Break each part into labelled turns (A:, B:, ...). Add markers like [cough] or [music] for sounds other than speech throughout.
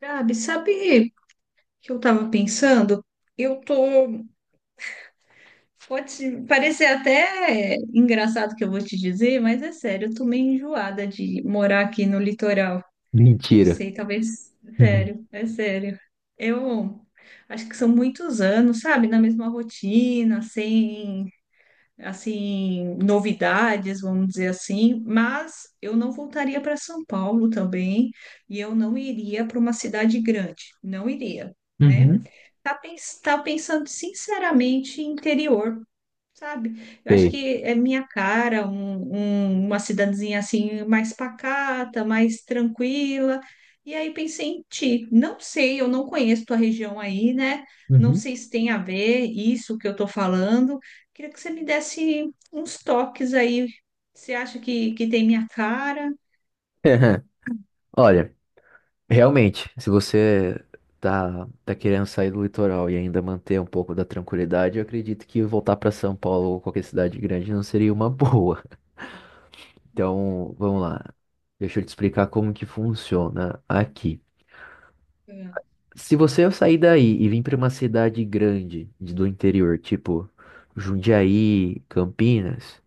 A: Gabi, sabe o que eu estava pensando? Eu tô. Pode parecer até engraçado o que eu vou te dizer, mas é sério, eu tô meio enjoada de morar aqui no litoral. Não
B: Mentira.
A: sei, talvez.
B: Uhum.
A: Sério, é sério. Eu acho que são muitos anos, sabe? Na mesma rotina, sem assim, novidades, vamos dizer assim, mas eu não voltaria para São Paulo também e eu não iria para uma cidade grande, não iria, né?
B: Uhum.
A: Tá, pens tá pensando sinceramente em interior, sabe? Eu acho
B: Sei.
A: que é minha cara, uma cidadezinha assim mais pacata, mais tranquila. E aí pensei em ti. Não sei, eu não conheço tua região aí, né? Não
B: Uhum.
A: sei se tem a ver isso que eu tô falando. Queria que você me desse uns toques aí. Você acha que tem minha cara?
B: [laughs] Olha, realmente, se você tá querendo sair do litoral e ainda manter um pouco da tranquilidade, eu acredito que voltar para São Paulo ou qualquer cidade grande não seria uma [laughs] boa. Então, vamos lá. Deixa eu te explicar como que funciona aqui.
A: Ah,
B: Se você sair daí e vir para uma cidade grande do interior, tipo Jundiaí, Campinas.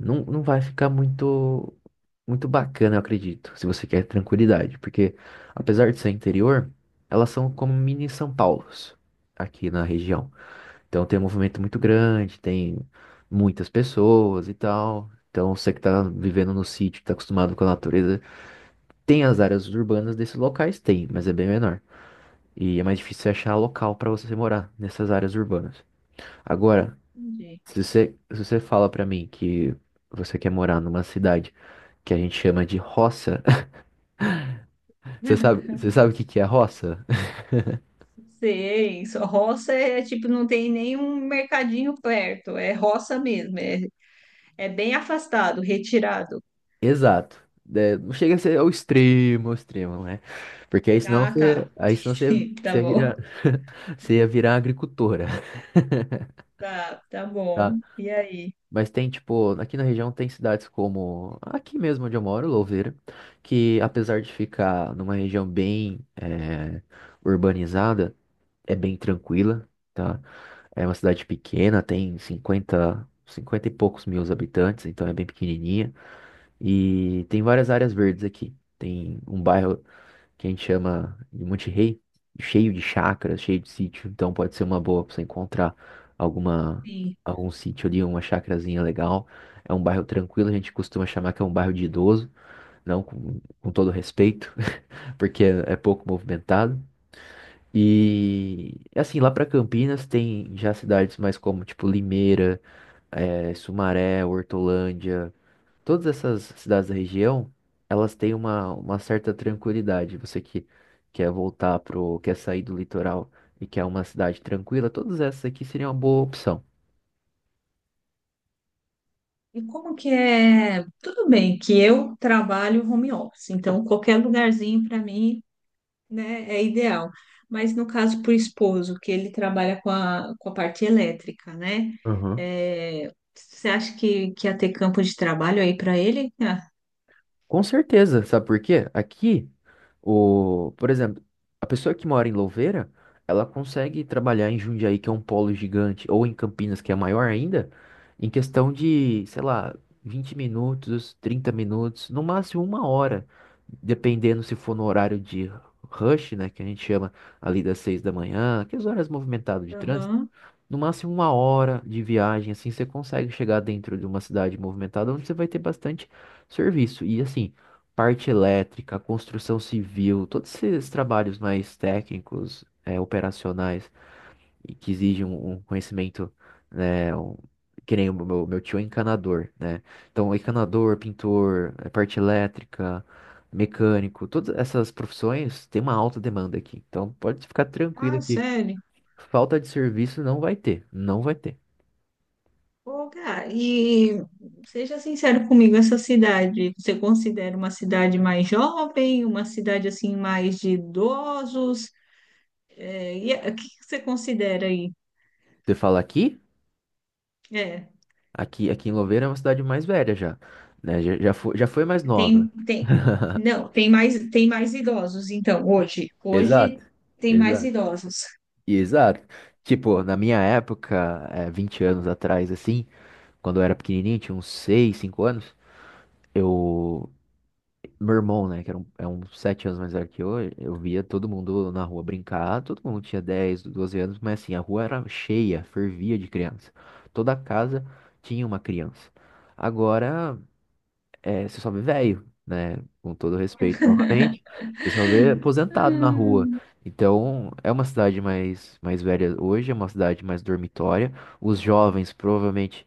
B: Não, não vai ficar muito bacana, eu acredito, se você quer tranquilidade, porque, apesar de ser interior, elas são como mini São Paulos aqui na região. Então tem um movimento muito grande, tem muitas pessoas e tal. Então, você que tá vivendo no sítio, que tá acostumado com a natureza, tem as áreas urbanas desses locais, tem, mas é bem menor. E é mais difícil você achar local para você morar nessas áreas urbanas. Agora,
A: entendi.
B: se você fala pra mim que você quer morar numa cidade que a gente chama de roça, [laughs] você
A: [laughs]
B: sabe o que que é roça?
A: Sei, só roça é tipo, não tem nenhum mercadinho perto, é roça mesmo, é, é bem afastado, retirado.
B: [laughs] Exato. É, não chega a ser ao extremo, né? Porque
A: Ah, tá. [laughs]
B: aí senão você,
A: Sim, tá
B: você ia
A: bom.
B: virar, [laughs] você ia virar agricultora, [laughs]
A: Tá, tá bom.
B: tá?
A: E aí?
B: Mas tem, tipo, aqui na região tem cidades como aqui mesmo onde eu moro, Louveira, que apesar de ficar numa região bem urbanizada, é bem tranquila, tá? É uma cidade pequena, tem 50, 50 e poucos mil habitantes, então é bem pequenininha. E tem várias áreas verdes aqui. Tem um bairro que a gente chama de Monte Rei, cheio de chácaras, cheio de sítio, então pode ser uma boa para você encontrar alguma,
A: Sim.
B: algum sítio ali, uma chacrazinha legal. É um bairro tranquilo, a gente costuma chamar que é um bairro de idoso, não, com todo respeito, [laughs] porque é pouco movimentado. E assim, lá pra Campinas tem já cidades mais como tipo Limeira, Sumaré, Hortolândia, todas essas cidades da região, elas têm uma certa tranquilidade. Você que quer sair do litoral e quer uma cidade tranquila, todas essas aqui seriam uma boa opção.
A: E como que é? Tudo bem que eu trabalho home office, então qualquer lugarzinho para mim, né, é ideal. Mas no caso para o esposo, que ele trabalha com com a parte elétrica, né? É, você acha que ia ter campo de trabalho aí para ele? Ah,
B: Com certeza, sabe por quê? Aqui, o, por exemplo, a pessoa que mora em Louveira, ela consegue trabalhar em Jundiaí, que é um polo gigante, ou em Campinas, que é maior ainda, em questão de, sei lá, 20 minutos, 30 minutos, no máximo uma hora, dependendo se for no horário de rush, né, que a gente chama ali das 6 da manhã, aquelas horas movimentadas de trânsito.
A: aham.
B: No máximo uma hora de viagem, assim, você consegue chegar dentro de uma cidade movimentada onde você vai ter bastante serviço. E assim, parte elétrica, construção civil, todos esses trabalhos mais técnicos, é, operacionais, e que exigem um conhecimento, né, que nem o meu tio é encanador, né? Então, encanador, pintor, é, parte elétrica, mecânico, todas essas profissões têm uma alta demanda aqui. Então, pode ficar tranquilo
A: Ah,
B: que
A: sério?
B: falta de serviço não vai ter, não vai ter.
A: Ô, Gá, e seja sincero comigo, essa cidade, você considera uma cidade mais jovem, uma cidade assim mais de idosos? É, o que que você considera aí?
B: Você fala Aqui,
A: É,
B: Aqui em Louveira é uma cidade mais velha já, né? Já, já foi mais nova.
A: tem, tem, não, tem mais idosos, então,
B: Exato,
A: hoje tem mais
B: exato,
A: idosos.
B: exato. Tipo, na minha época, é, 20 anos atrás, assim, quando eu era pequenininho, tinha uns 6, 5 anos, eu... Meu irmão, né, que era é uns 7 anos mais velho que eu via todo mundo na rua brincar, todo mundo tinha 10, 12 anos, mas assim, a rua era cheia, fervia de criança. Toda casa tinha uma criança. Agora, é, você só vê velho, né? Com todo respeito, novamente. Você só vê aposentado na rua.
A: Hum,
B: Então, é uma cidade mais velha hoje, é uma cidade mais dormitória. Os jovens provavelmente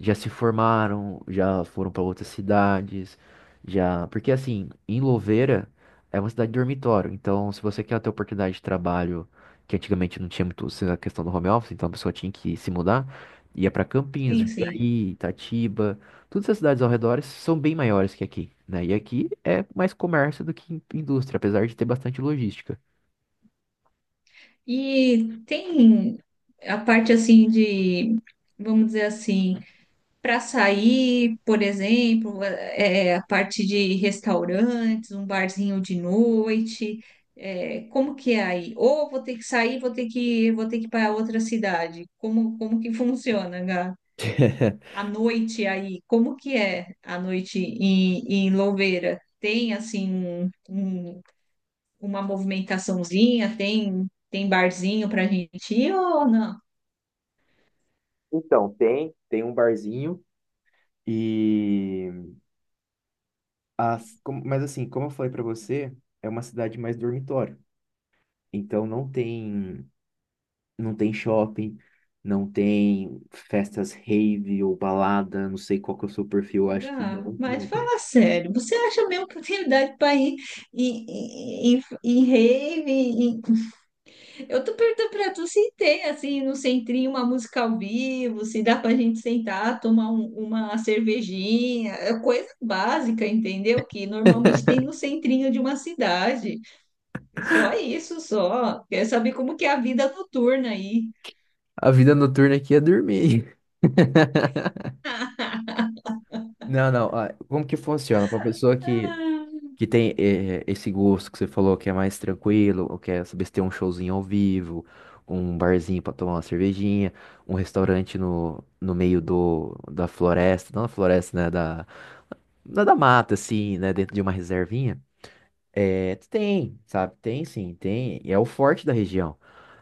B: já se formaram, já foram para outras cidades, já. Porque assim, em Louveira é uma cidade de dormitório, então, se você quer ter oportunidade de trabalho, que antigamente não tinha muito essa questão do home office, então a pessoa tinha que se mudar, ia para Campinas,
A: sim, sim.
B: Jundiaí, Itatiba, todas essas cidades ao redor são bem maiores que aqui, né? E aqui é mais comércio do que indústria, apesar de ter bastante logística.
A: E tem a parte assim de, vamos dizer assim, para sair, por exemplo, a parte de restaurantes, um barzinho de noite, é, como que é aí? Ou vou ter que sair, vou ter que ir para outra cidade. Como, como que funciona, Gá? A
B: [laughs]
A: noite aí, como que é a noite em, em Louveira? Tem assim uma movimentaçãozinha, tem barzinho para gente ir ou não?
B: Então, tem um barzinho e... As, mas assim, como eu falei pra você, é uma cidade mais dormitório. Então, não tem, não tem shopping, não tem festas rave ou balada, não sei qual que é o seu perfil, acho que
A: Gá,
B: não,
A: mas
B: não.
A: fala sério, você acha mesmo oportunidade para ir em rave? Eu tô perguntando para tu se tem, assim, no centrinho, uma música ao vivo, se dá pra gente sentar, tomar uma cervejinha, é coisa básica, entendeu? Que normalmente
B: [laughs]
A: tem no centrinho de uma cidade. É só isso, só. Quer saber como que é a vida noturna aí.
B: A vida noturna aqui é dormir. [laughs]
A: [laughs]
B: Não, não, ah, como que funciona? Pra pessoa que...
A: Ah,
B: Que tem esse gosto que você falou que é mais tranquilo, ou quer saber se tem um showzinho ao vivo, um barzinho pra tomar uma cervejinha, um restaurante no meio da floresta, não da floresta, né? Da mata, assim, né? Dentro de uma reservinha. É, tem, sabe? Tem sim, tem. E é o forte da região.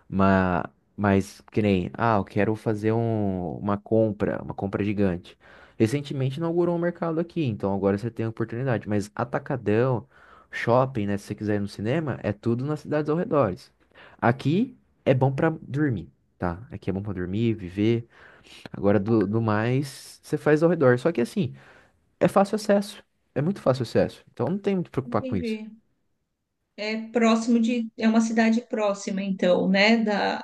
B: Mas, mas que nem, ah, eu quero fazer uma compra gigante. Recentemente inaugurou um mercado aqui, então agora você tem a oportunidade. Mas atacadão, shopping, né? Se você quiser ir no cinema, é tudo nas cidades ao redor. Aqui é bom pra dormir, tá? Aqui é bom pra dormir, viver. Agora do mais, você faz ao redor. Só que assim, é fácil acesso. É muito fácil acesso. Então, não tem muito que preocupar com isso.
A: entendi. É próximo de, é uma cidade próxima, então, né?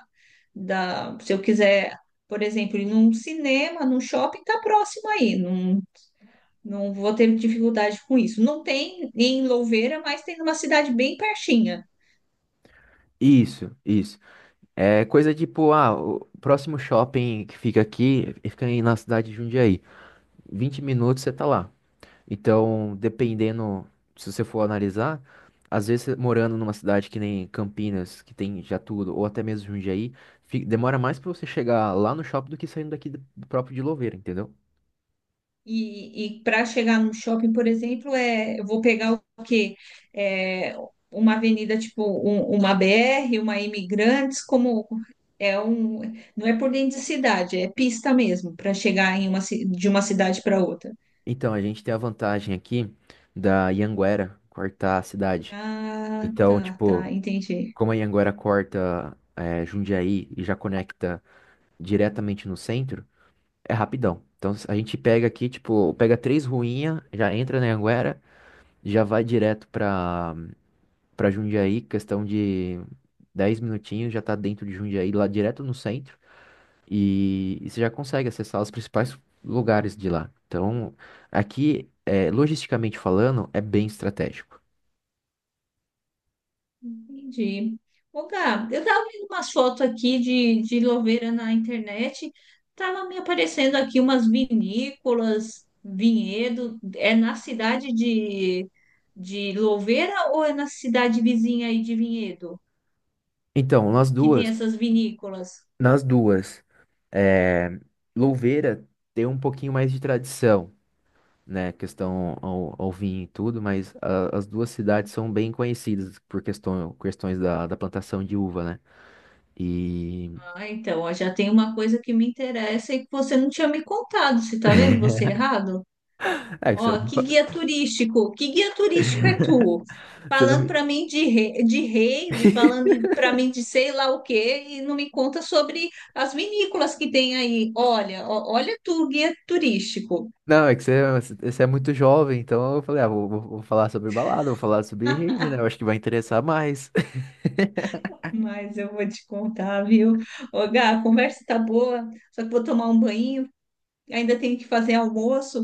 A: Da, se eu quiser, por exemplo, ir num cinema, num shopping, tá próximo aí, não, não vou ter dificuldade com isso. Não tem em Louveira, mas tem numa cidade bem pertinha.
B: Isso, isso. É coisa tipo, ah, o próximo shopping que fica aqui, fica aí na cidade de Jundiaí. 20 minutos você tá lá. Então, dependendo, se você for analisar, às vezes você morando numa cidade que nem Campinas, que tem já tudo, ou até mesmo Jundiaí, demora mais pra você chegar lá no shopping do que saindo daqui do próprio de Louveira, entendeu?
A: E para chegar no shopping, por exemplo, é, eu vou pegar o quê? É, uma avenida tipo uma BR, uma Imigrantes, como é um, não é por dentro de cidade, é pista mesmo para chegar em uma, de uma cidade para outra.
B: Então, a gente tem a vantagem aqui da Ianguera cortar a cidade.
A: Ah,
B: Então,
A: tá,
B: tipo,
A: entendi.
B: como a Ianguera corta Jundiaí e já conecta diretamente no centro, é rapidão. Então, a gente pega aqui, tipo, pega três ruinhas, já entra na Anguera, já vai direto pra Jundiaí, questão de 10 minutinhos, já tá dentro de Jundiaí, lá direto no centro, e você já consegue acessar os principais lugares de lá. Então, aqui, é, logisticamente falando, é bem estratégico.
A: Entendi. Ô, Gab, eu tava vendo umas fotos aqui de Louveira na internet, tava me aparecendo aqui umas vinícolas, vinhedo. É na cidade de Louveira ou é na cidade vizinha aí de Vinhedo
B: Então,
A: que tem essas vinícolas?
B: nas duas, é, Louveira tem um pouquinho mais de tradição, né, questão ao vinho e tudo, mas as duas cidades são bem conhecidas por questões da plantação de uva, né? E...
A: Ah, então, ó, já tem uma coisa que me interessa e que você não tinha me contado, você tá vendo? Você
B: [laughs]
A: errado?
B: É que você
A: Ó, que guia turístico é
B: [laughs]
A: tu?
B: você
A: Falando para mim de, de rave, falando para
B: [laughs]
A: mim de sei lá o quê, e não me conta sobre as vinícolas que tem aí. Olha, ó, olha tu, guia turístico.
B: Não, é que você, você é muito jovem, então eu falei, ah, vou falar sobre balada, vou falar sobre rave, né? Eu acho que vai interessar mais. [laughs]
A: Mas eu vou te contar, viu? Ô, Gá, a conversa tá boa, só que vou tomar um banho, ainda tenho que fazer almoço.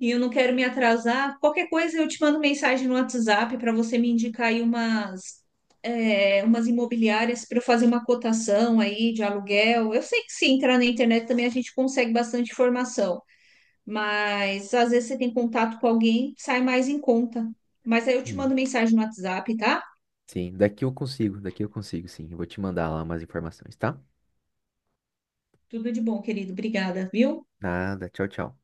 A: E eu não quero me atrasar. Qualquer coisa eu te mando mensagem no WhatsApp para você me indicar aí umas, é, umas imobiliárias para eu fazer uma cotação aí de aluguel. Eu sei que se entrar na internet também a gente consegue bastante informação, mas às vezes você tem contato com alguém, sai mais em conta. Mas aí eu te
B: Sim,
A: mando mensagem no WhatsApp, tá?
B: sim, daqui eu consigo, sim. Eu vou te mandar lá umas informações, tá?
A: Tudo de bom, querido. Obrigada, viu?
B: Nada, tchau, tchau.